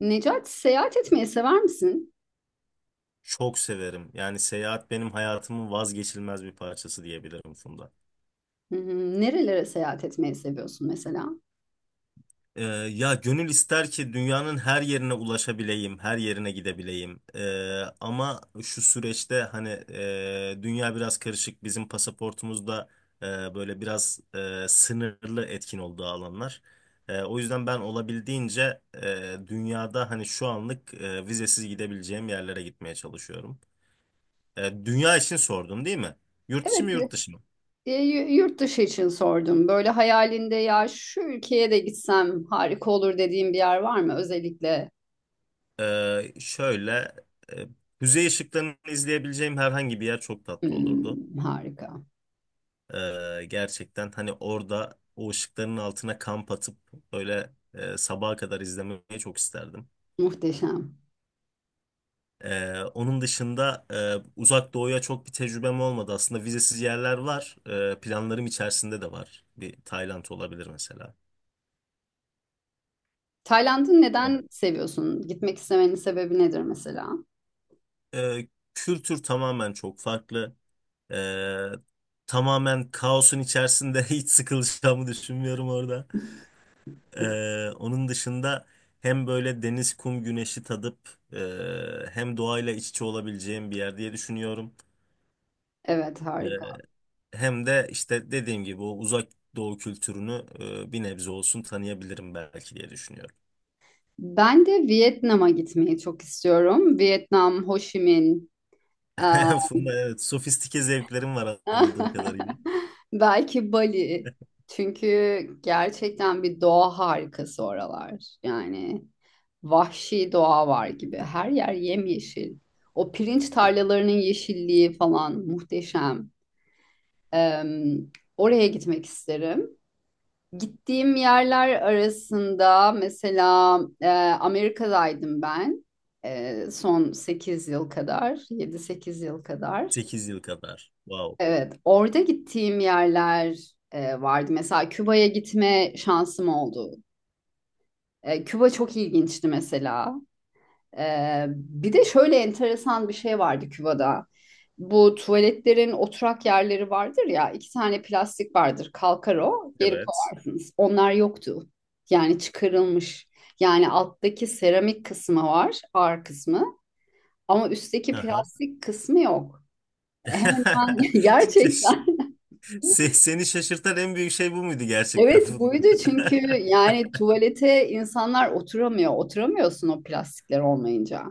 Necati seyahat etmeyi sever misin? Çok severim. Yani seyahat benim hayatımın vazgeçilmez bir parçası diyebilirim, Funda. Hı hı. Nerelere seyahat etmeyi seviyorsun mesela? Ya gönül ister ki dünyanın her yerine ulaşabileyim, her yerine gidebileyim. Ama şu süreçte hani dünya biraz karışık. Bizim pasaportumuzda böyle biraz sınırlı etkin olduğu alanlar. O yüzden ben olabildiğince dünyada hani şu anlık vizesiz gidebileceğim yerlere gitmeye çalışıyorum. Dünya için sordun değil mi? Yurt içi mi Evet, yurt dışı mı? Yurt dışı için sordum. Böyle hayalinde ya şu ülkeye de gitsem harika olur dediğin bir yer var mı? Özellikle. Şöyle e, kuzey ışıklarını izleyebileceğim herhangi bir yer çok tatlı olurdu. Hmm, harika. Gerçekten hani orada o ışıkların altına kamp atıp böyle sabaha kadar izlemeyi çok isterdim. Muhteşem. Onun dışında uzak doğuya çok bir tecrübem olmadı. Aslında vizesiz yerler var. Planlarım içerisinde de var. Bir Tayland olabilir mesela. Tayland'ı neden seviyorsun? Gitmek istemenin sebebi nedir mesela? Ee, kültür tamamen çok farklı. Ee, tamamen kaosun içerisinde hiç sıkılacağımı düşünmüyorum orada. Onun dışında hem böyle deniz, kum, güneşi tadıp hem doğayla iç içe olabileceğim bir yer diye düşünüyorum. Evet, Ee, harika. hem de işte dediğim gibi o uzak doğu kültürünü bir nebze olsun tanıyabilirim belki diye düşünüyorum. Ben de Vietnam'a gitmeyi çok istiyorum. Vietnam, Ho Chi Minh, aa, Funda, evet, sofistike zevklerim var anladığım kadarıyla. belki Bali. Çünkü gerçekten bir doğa harikası oralar. Yani vahşi doğa var gibi. Her yer yemyeşil. O pirinç tarlalarının yeşilliği falan muhteşem. Eee, oraya gitmek isterim. Gittiğim yerler arasında mesela Amerika'daydım ben. Son 8 yıl kadar, yedi sekiz yıl kadar. Sekiz yıl kadar. Wow. Evet, orada gittiğim yerler vardı. Mesela Küba'ya gitme şansım oldu. Küba çok ilginçti mesela. Bir de şöyle enteresan bir şey vardı Küba'da. Bu tuvaletlerin oturak yerleri vardır ya, 2 tane plastik vardır. Kalkar o, geri Evet. koyarsınız. Onlar yoktu. Yani çıkarılmış. Yani alttaki seramik kısmı var, ağır kısmı. Ama üstteki Aha. plastik kısmı yok. Hemen hemen gerçekten. Seni şaşırtan en büyük şey bu muydu gerçekten, Evet, Funda? buydu çünkü yani tuvalete insanlar oturamıyor. Oturamıyorsun o plastikler olmayınca.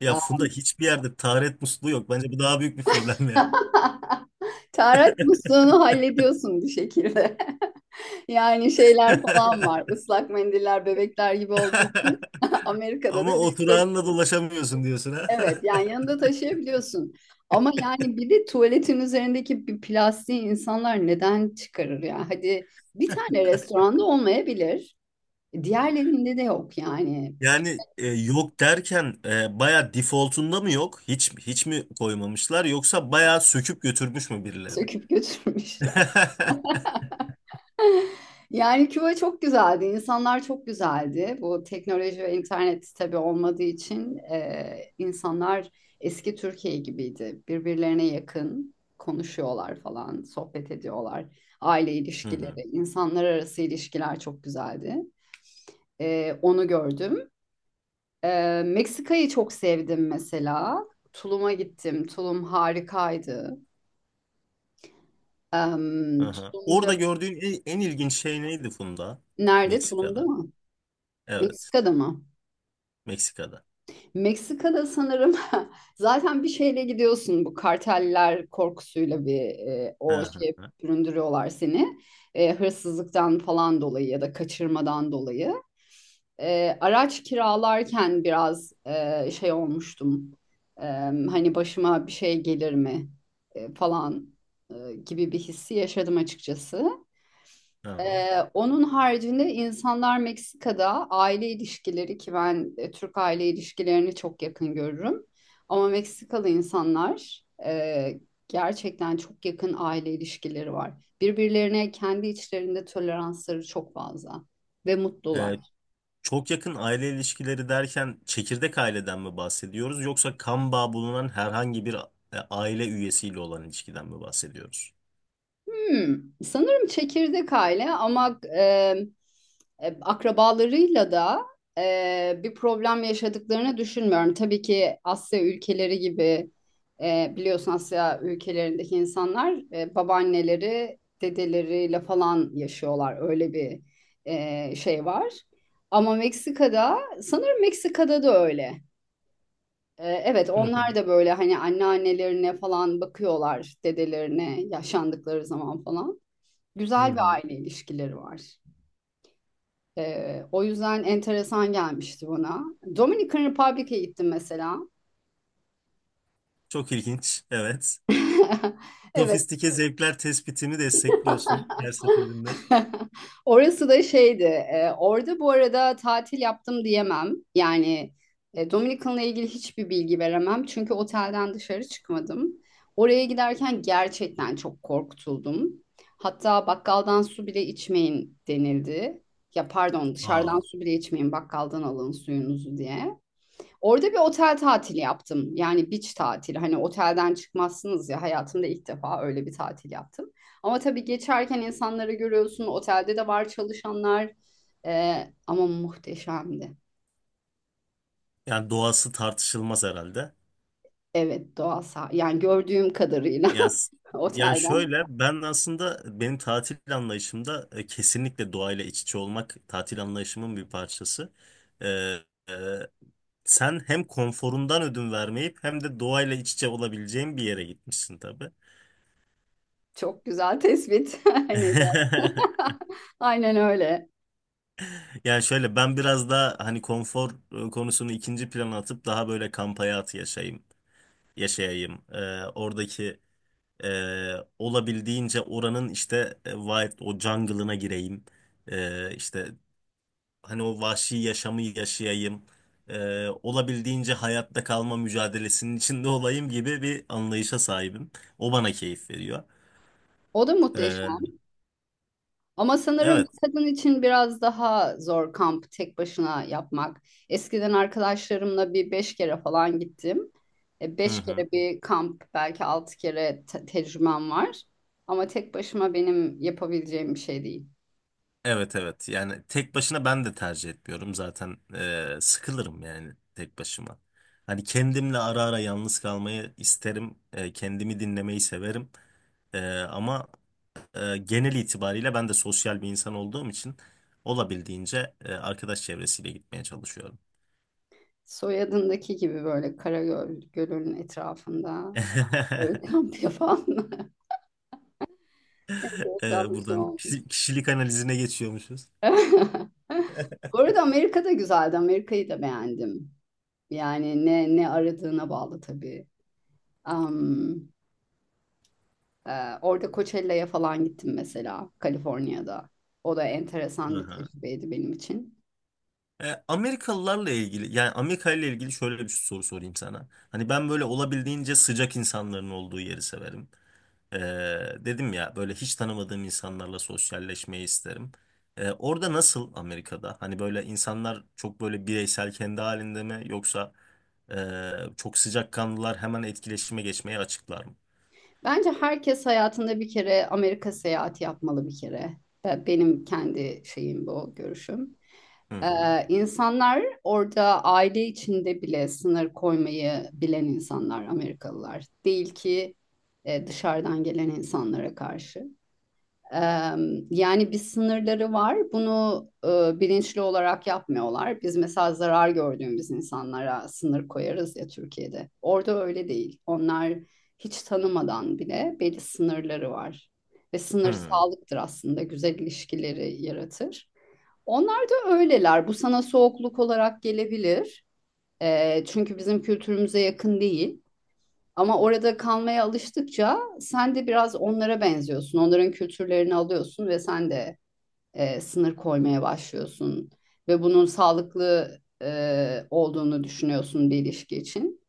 Ya, Funda, hiçbir yerde taharet musluğu yok. Bence bu daha büyük bir problem ya. Tarak musluğunu hallediyorsun bir şekilde. Yani şeyler falan var. Islak mendiller bebekler gibi olduğu için Amerika'da Ama da büyükleri, oturağınla dolaşamıyorsun diyorsun, ha. evet, yani yanında taşıyabiliyorsun. Ama yani bir de tuvaletin üzerindeki bir plastiği insanlar neden çıkarır ya? Hadi bir tane restoranda olmayabilir. Diğerlerinde de yok yani. Yani yok derken baya defaultunda mı yok? Hiç hiç mi koymamışlar yoksa baya söküp götürmüş mü birileri? Söküp götürmüşler. Yani Küba çok güzeldi, insanlar çok güzeldi. Bu teknoloji ve internet tabii olmadığı için insanlar eski Türkiye gibiydi. Birbirlerine yakın konuşuyorlar falan, sohbet ediyorlar. Aile Hı hı, ilişkileri, insanlar arası ilişkiler çok güzeldi. Onu gördüm. Meksika'yı çok sevdim mesela. Tulum'a gittim. Tulum harikaydı. Aha. Orada Tulum'da, gördüğün en ilginç şey neydi, Funda? nerede? Tulum'da Meksika'da. mı? Evet, Meksika'da mı? Meksika'da. Meksika'da sanırım zaten bir şeyle gidiyorsun, bu karteller korkusuyla bir Hı o şey hı, süründürüyorlar seni. Hırsızlıktan falan dolayı ya da kaçırmadan dolayı. Araç kiralarken biraz şey olmuştum. E, hani başıma bir şey gelir mi falan gibi bir hissi yaşadım açıkçası. hı hı. Onun haricinde insanlar Meksika'da aile ilişkileri, ki ben Türk aile ilişkilerini çok yakın görürüm. Ama Meksikalı insanlar, gerçekten çok yakın aile ilişkileri var. Birbirlerine kendi içlerinde toleransları çok fazla ve mutlular. E, Çok yakın aile ilişkileri derken çekirdek aileden mi bahsediyoruz yoksa kan bağı bulunan herhangi bir aile üyesiyle olan ilişkiden mi bahsediyoruz? Hmm, sanırım çekirdek aile, ama akrabalarıyla da bir problem yaşadıklarını düşünmüyorum. Tabii ki Asya ülkeleri gibi, biliyorsun, Asya ülkelerindeki insanlar babaanneleri dedeleriyle falan yaşıyorlar. Öyle bir şey var. Ama Meksika'da sanırım, Meksika'da da öyle. Evet, Hı onlar hı. da böyle hani anneannelerine falan bakıyorlar, dedelerine, yaşandıkları zaman falan. Hı Güzel bir hı. aile ilişkileri var. O yüzden enteresan gelmişti bana. Dominican Republic'e gittim mesela. Çok ilginç. Evet. Evet, Sofistike zevkler tespitimi destekliyorsun her seferinde. orası da şeydi. Orada bu arada tatil yaptım diyemem. Yani Dominican'la ilgili hiçbir bilgi veremem. Çünkü otelden dışarı çıkmadım. Oraya giderken gerçekten çok korkutuldum. Hatta bakkaldan su bile içmeyin denildi. Ya pardon, dışarıdan Aa, su bile içmeyin, bakkaldan alın suyunuzu diye. Orada bir otel tatili yaptım. Yani beach tatili. Hani otelden çıkmazsınız ya. Hayatımda ilk defa öyle bir tatil yaptım. Ama tabii geçerken insanları görüyorsun. Otelde de var çalışanlar. Ama muhteşemdi. yani doğası tartışılmaz herhalde. Evet, doğal yani gördüğüm kadarıyla Yani otelden. şöyle ben aslında benim tatil anlayışımda kesinlikle doğayla iç içe olmak tatil anlayışımın bir parçası. Ee, Sen hem konforundan ödün vermeyip hem de doğayla iç içe olabileceğin bir yere gitmişsin tabii. Çok güzel tespit. Hani aynen öyle. Yani şöyle ben biraz daha hani konfor konusunu ikinci plana atıp daha böyle kamp hayatı yaşayayım. Oradaki e, olabildiğince oranın işte wild o jungle'ına gireyim. İşte hani o vahşi yaşamı yaşayayım. Olabildiğince hayatta kalma mücadelesinin içinde olayım gibi bir anlayışa sahibim. O bana keyif veriyor. O da Ee, muhteşem. Ama sanırım bir evet. kadın için biraz daha zor kamp tek başına yapmak. Eskiden arkadaşlarımla bir 5 kere falan gittim. E, Hı beş hı. kere bir kamp, belki 6 kere tecrübem var. Ama tek başıma benim yapabileceğim bir şey değil. Evet, evet. Yani tek başına ben de tercih etmiyorum zaten. Sıkılırım yani tek başıma. Hani kendimle ara ara yalnız kalmayı isterim. Kendimi dinlemeyi severim. Ama genel itibariyle ben de sosyal bir insan olduğum için olabildiğince arkadaş çevresiyle gitmeye çalışıyorum. Soyadındaki gibi böyle Karagöl Gölü'nün etrafında böyle kamp yapan. Güzelmiş buradan oldu. Kişilik analizine geçiyormuşuz. Bu arada Amerika da güzeldi. Amerika'yı da beğendim. Yani ne aradığına bağlı tabii. Am, e, orada Coachella'ya falan gittim mesela, Kaliforniya'da. O da enteresan bir Aha. tecrübeydi benim için. Amerikalılarla ilgili yani Amerika ile ilgili şöyle bir soru sorayım sana. Hani ben böyle olabildiğince sıcak insanların olduğu yeri severim. E, dedim ya böyle hiç tanımadığım insanlarla sosyalleşmeyi isterim. Orada nasıl Amerika'da? Hani böyle insanlar çok böyle bireysel kendi halinde mi yoksa çok sıcakkanlılar hemen etkileşime geçmeye açıklar mı? Bence herkes hayatında bir kere Amerika seyahati yapmalı, bir kere. Benim kendi şeyim, bu görüşüm. Hı hı. İnsanlar orada aile içinde bile sınır koymayı bilen insanlar, Amerikalılar. Değil ki dışarıdan gelen insanlara karşı. Yani bir sınırları var. Bunu bilinçli olarak yapmıyorlar. Biz mesela zarar gördüğümüz insanlara sınır koyarız ya, Türkiye'de. Orada öyle değil. Onlar hiç tanımadan bile belli sınırları var. Ve sınır Hı sağlıktır aslında. Güzel ilişkileri yaratır. Onlar da öyleler. Bu sana soğukluk olarak gelebilir. Çünkü bizim kültürümüze yakın değil. Ama orada kalmaya alıştıkça sen de biraz onlara benziyorsun. Onların kültürlerini alıyorsun ve sen de sınır koymaya başlıyorsun. Ve bunun sağlıklı olduğunu düşünüyorsun bir ilişki için.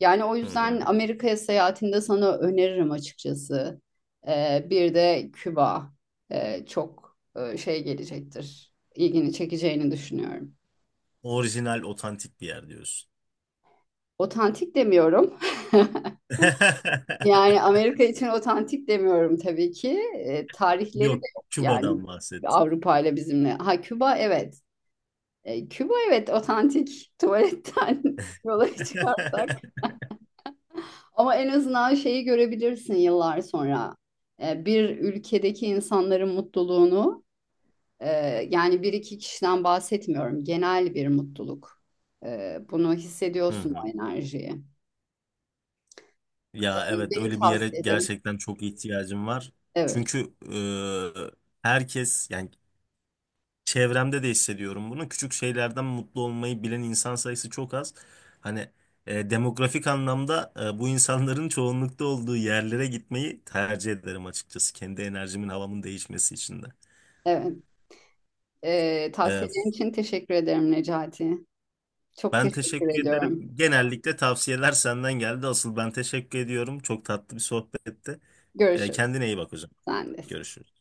Yani o hı. yüzden Hı. Amerika'ya seyahatinde sana öneririm açıkçası. Bir de Küba çok şey gelecektir. İlgini çekeceğini düşünüyorum. Orijinal, otantik bir yer diyorsun. Otantik demiyorum. Yani Amerika için otantik demiyorum tabii ki. Tarihleri de Yok, yok yani, Küba'dan bahset. Avrupa ile, bizimle. Ha, Küba, evet. Küba, evet, otantik tuvaletten yola çıkarsak. Ama en azından şeyi görebilirsin yıllar sonra. Bir ülkedeki insanların mutluluğunu, e, yani bir iki kişiden bahsetmiyorum. Genel bir mutluluk. Bunu Hı hissediyorsun, hı. o enerjiyi. Ya, evet, Benim öyle bir yere tavsiye ederim. gerçekten çok ihtiyacım var. Evet. Çünkü herkes yani çevremde de hissediyorum bunu. Küçük şeylerden mutlu olmayı bilen insan sayısı çok az. Hani demografik anlamda bu insanların çoğunlukta olduğu yerlere gitmeyi tercih ederim açıkçası. Kendi enerjimin, havamın değişmesi için de. Evet. Ee, E, tavsiyelerin için teşekkür ederim Necati. Çok ben teşekkür teşekkür ederim. ediyorum. Genellikle tavsiyeler senden geldi. Asıl ben teşekkür ediyorum. Çok tatlı bir sohbetti. Görüşürüz. Kendine iyi bak hocam. Sen de. Görüşürüz.